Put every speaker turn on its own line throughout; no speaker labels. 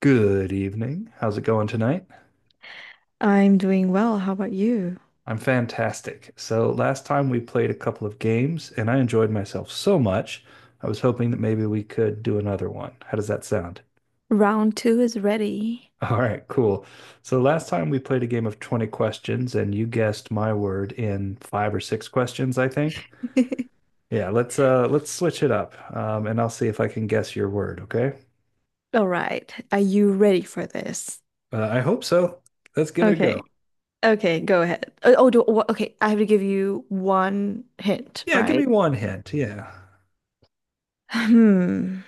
Good evening. How's it going tonight?
I'm doing well. How about you?
I'm fantastic. So, last time we played a couple of games and I enjoyed myself so much. I was hoping that maybe we could do another one. How does that sound?
Round two is ready.
All right, cool. So, last time we played a game of 20 questions and you guessed my word in five or six questions, I think. Yeah, let's switch it up. And I'll see if I can guess your word, okay?
All right. Are you ready for this?
I hope so. Let's give it a go.
Okay. Okay, go ahead. Okay. I have to give you one hint,
Yeah, give
right?
me one hint. Yeah.
Hmm.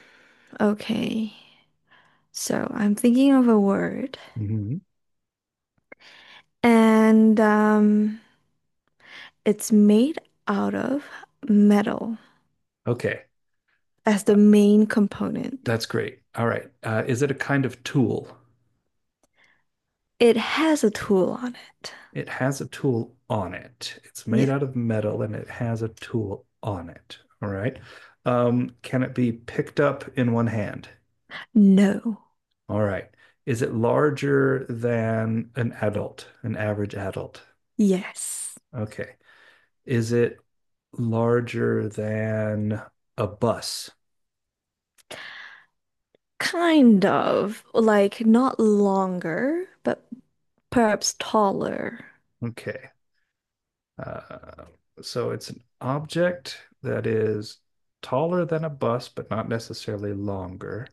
Okay. So I'm thinking of a word,
hmm
and it's made out of metal
Okay.
as the main component.
That's great. All right. Is it a kind of tool?
It has a tool on it.
It has a tool on it. It's made
Yeah.
out of metal and it has a tool on it. All right. Can it be picked up in one hand?
No.
All right. Is it larger than an adult, an average adult?
Yes.
Okay. Is it larger than a bus?
Kind of. Like not longer, but perhaps taller.
Okay. Uh, so it's an object that is taller than a bus, but not necessarily longer.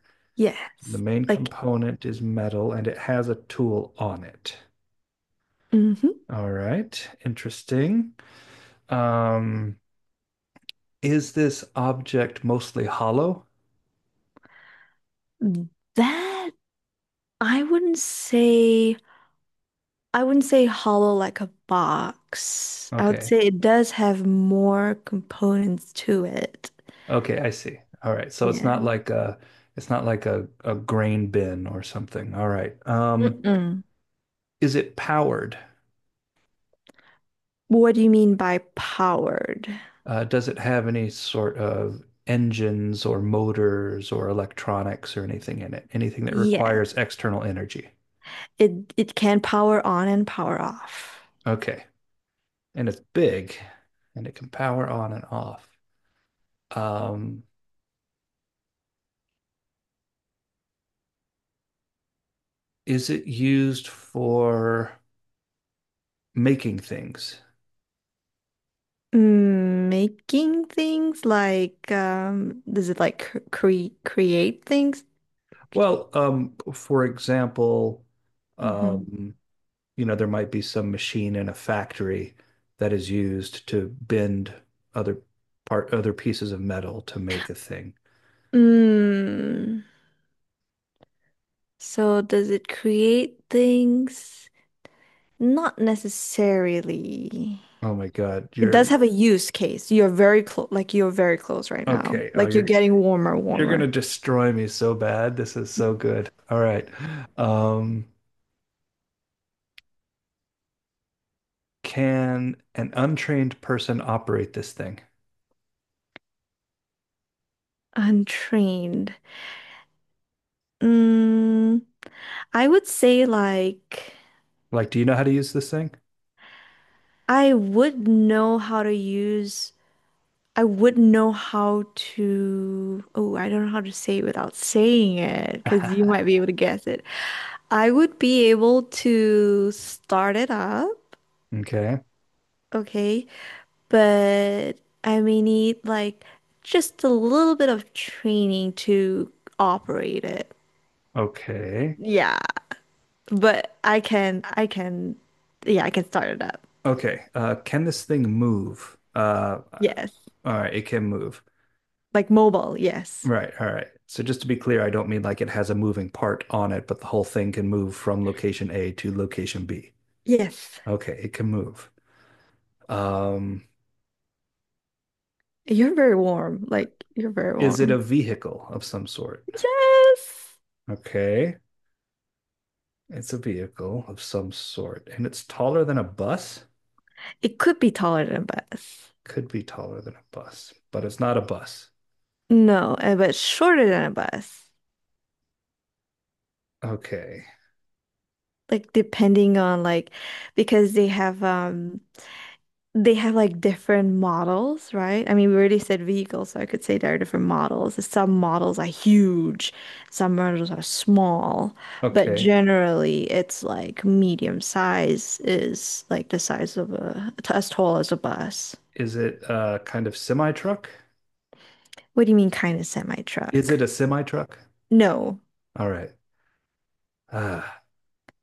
The
Yes.
main
Like
component is metal and it has a tool on it.
hmm
All right, interesting. Um, is this object mostly hollow?
That I wouldn't say I wouldn't say hollow like a box. I would
Okay.
say it does have more components to it.
Okay, I see. All right.
Yeah.
It's not like a grain bin or something. All right.
Mm-mm.
Is it powered?
What do you mean by powered?
Does it have any sort of engines or motors or electronics or anything in it? Anything that requires
Yes.
external energy?
It can power on and power off.
Okay. And it's big and it can power on and off. Um, is it used for making things?
Making things like does it like create things? Could you-
Well, for example,
Mhm.
um, you know, there might be some machine in a factory that is used to bend other other pieces of metal to make a thing.
Mm, so does it create things? Not necessarily.
Oh my God,
It
you're
does have a use case. You're very close, like you're very close right now.
okay.
Like you're getting warmer,
You're
warmer.
gonna destroy me so bad. This is so good. All right. Um, can an untrained person operate this thing?
Untrained. Mm, I would say, like,
Like, do you know how to use this thing?
I would know how to use. I wouldn't know how to. Oh, I don't know how to say it without saying it because you might be able to guess it. I would be able to start it up,
Okay.
okay, but I may need like just a little bit of training to operate it.
Okay.
Yeah, but yeah, I can start it up.
Okay. Can this thing move?
Yes,
All right, it can move.
like mobile. Yes,
Right. All right. So just to be clear, I don't mean like it has a moving part on it, but the whole thing can move from location A to location B.
yes.
Okay, it can move. Um,
You're very warm. Like you're very
Is it a
warm.
vehicle of some sort?
Yes.
Okay. It's a vehicle of some sort. And it's taller than a bus?
It could be taller than a bus.
Could be taller than a bus, but it's not a bus.
No, but shorter than a bus.
Okay.
Like depending on like because they have like different models, right? I mean, we already said vehicles, so I could say there are different models. Some models are huge, some models are small, but
Okay.
generally it's like medium size is like the size of a as tall as a bus.
Is it a kind of semi truck?
What do you mean kind of semi
Is it
truck?
a semi truck?
No.
All right. Ah.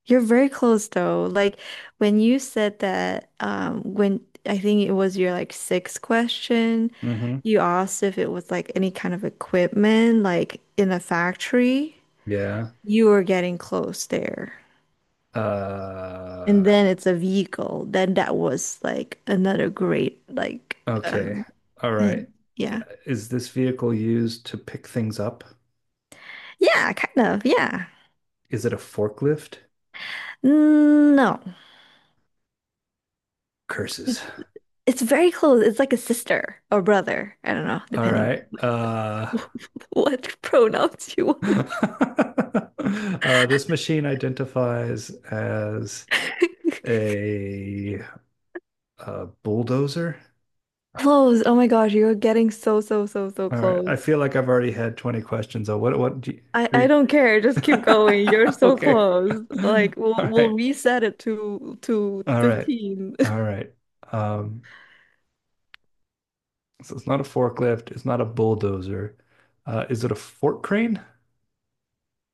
You're very close though. Like when you said that, when I think it was your like sixth question,
Mm-hmm.
you asked if it was like any kind of equipment, like in a factory,
Yeah.
you were getting close there.
Uh,
And then it's a vehicle. Then that was like another great, like uh,
okay. All right.
hint. Yeah.
Is this vehicle used to pick things up?
Yeah, kind of. Yeah.
Is it a forklift?
Mm, no. It's
Curses.
it's very close. It's like a sister or brother. I don't know,
All
depending
right.
what pronouns you want.
This machine identifies as a, bulldozer.
Close. Oh my gosh, you're getting so, so, so, so
All right. I
close.
feel like I've already had 20 questions. Oh, what do you,
I,
are
I
you...
don't care. Just keep going. You're so
Okay.
close. Like we'll
All right.
we'll reset it to
All right.
15.
All right. Um, so it's not a forklift. It's not a bulldozer. Is it a fork crane?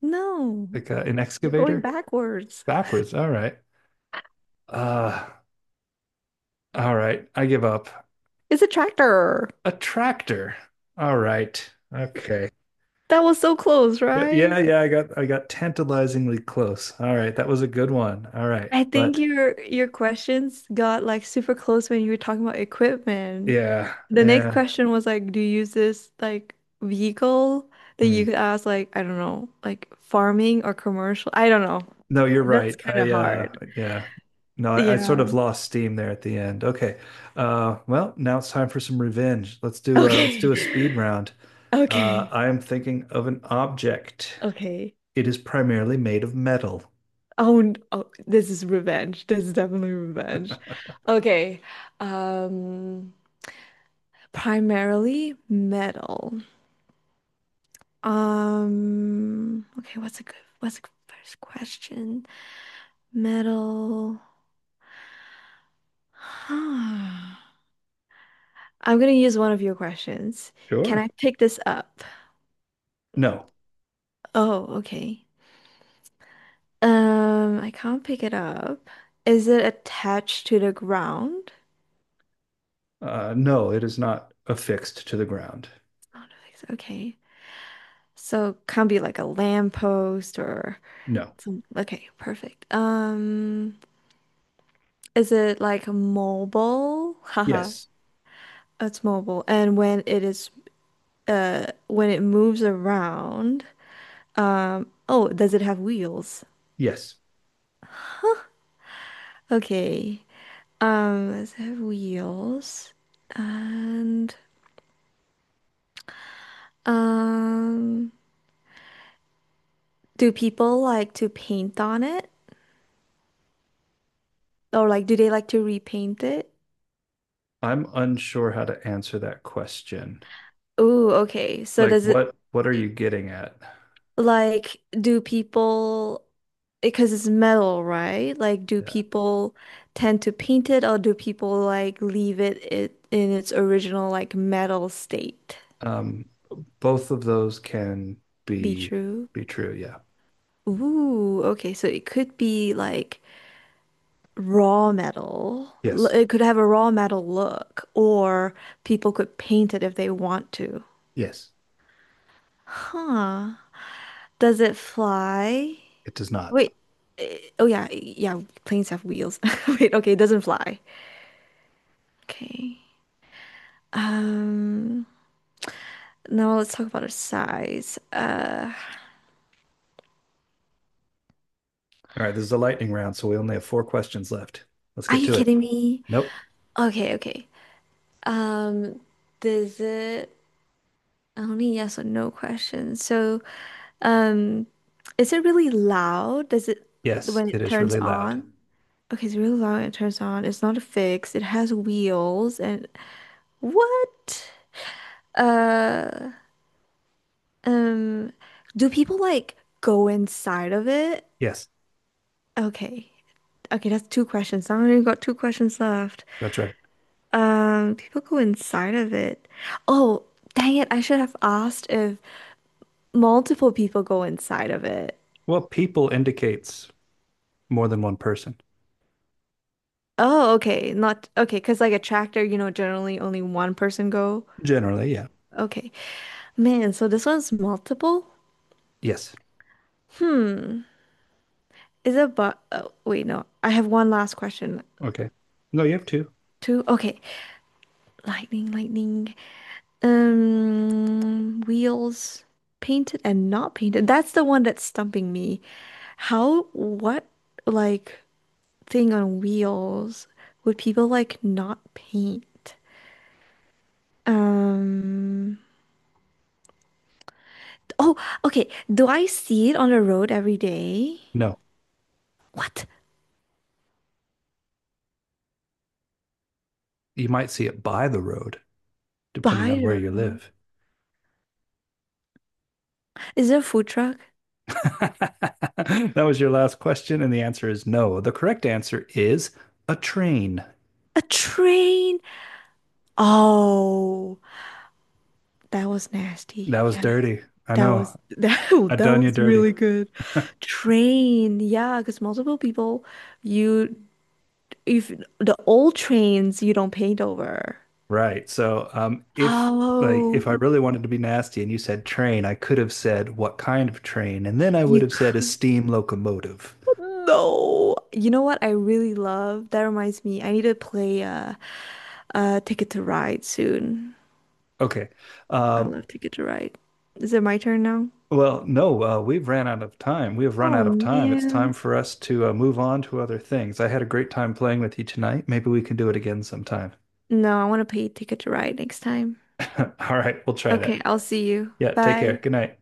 No,
Like an
you're going
excavator?
backwards.
Backwards. All right. Uh, all right. I give up.
It's a tractor.
A tractor. All right. Okay.
That was so close, right?
Yeah, yeah, I got tantalizingly close. All right, that was a good one. All right.
I think
But
your questions got like super close when you were talking about equipment.
yeah,
The next
yeah.
question was like, do you use this like vehicle, that
Hmm.
you could ask like, I don't know, like farming or commercial? I don't know.
No, you're
That's
right.
kind of
I
hard.
yeah. No, I sort
Yeah.
of lost steam there at the end. Okay. Well, now it's time for some revenge. Let's do
Okay.
a speed round.
Okay.
I am thinking of an object.
Okay.
It is primarily made of metal.
Oh, this is revenge. This is definitely revenge. Okay. Um, primarily metal. Okay, what's a good first question? Metal. Huh. I'm gonna use one of your questions. Can
Sure.
I pick this up?
No.
Oh, okay. I can't pick it up. Is it attached to the ground?
No, it is not affixed to the ground.
I don't so. Okay. So can't be like a lamppost or
No.
some, okay, perfect. Is it like mobile? Haha,
Yes.
it's mobile. And when it moves around, oh, does it have wheels?
Yes.
Okay. Does it have wheels? And um Do people like to paint on it? Or like do they like to repaint it?
I'm unsure how to answer that question.
Ooh, okay. So
Like
does it
what are you getting at?
like, do people, because it's metal, right? Like, do
Yeah.
people tend to paint it, or do people like leave it in its original like metal state?
Um, both of those can
Be
be
true.
true. Yeah.
Ooh, okay. So it could be like raw metal.
Yes.
It could have a raw metal look, or people could paint it if they want to.
Yes.
Huh. Does it fly?
It does not.
Wait. Oh yeah, yeah, planes have wheels. Wait, okay, it doesn't fly. Okay. Um, now let's talk about its size.
All right, this is a lightning round, so we only have four questions left. Let's
Are
get
you
to it.
kidding me?
Nope.
Okay, okay. Um, does it oh, only yes or no question. So, um, is it really loud? Does it,
Yes,
when
it
it
is
turns
really loud.
on? Okay, it's really loud when it turns on. It's not fixed. It has wheels and what? Uh, Um, do people like go inside of it?
Yes,
Okay. Okay, that's two questions. I've only got two questions left.
that's right.
People go inside of it. Oh, dang it. I should have asked if multiple people go inside of it.
Well, people indicates more than one person.
Oh, okay. Not okay, because like a tractor, generally only one person go.
Generally, yeah.
Okay. Man, so this one's multiple?
Yes.
Hmm. Is it but oh, wait, no. I have one last question.
Okay. No, you have two.
Two. Okay. Lightning, lightning. Wheels, painted and not painted. That's the one that's stumping me. How, what, like, thing on wheels would people like not paint? Um, oh, okay. Do I see it on the road every day?
No.
What?
You might see it by the road, depending
By
on
the
where you
road?
live.
Is there a food truck?
That was your last question, and the answer is no. The correct answer is a train.
A train? Oh, that was nasty.
That was
Yeah.
dirty. I
That was
know.
that
I
that
done you
was
dirty.
really good. Train, yeah, because multiple people, you if the old trains you don't paint over.
Right. So, if like if I
Oh,
really wanted to be nasty and you said train, I could have said what kind of train, and then I would
you
have said a
could
steam locomotive.
no. You know what I really love? That reminds me, I need to play Ticket to Ride soon.
Okay.
I
Um,
love Ticket to Ride. Is it my turn now?
well, no, we've ran out of time. We have run
Oh
out of time. It's time
man.
for us to move on to other things. I had a great time playing with you tonight. Maybe we can do it again sometime.
No, I want to play Ticket to Ride next time.
All right, we'll try that.
Okay, I'll see you.
Yeah, take care.
Bye.
Good night.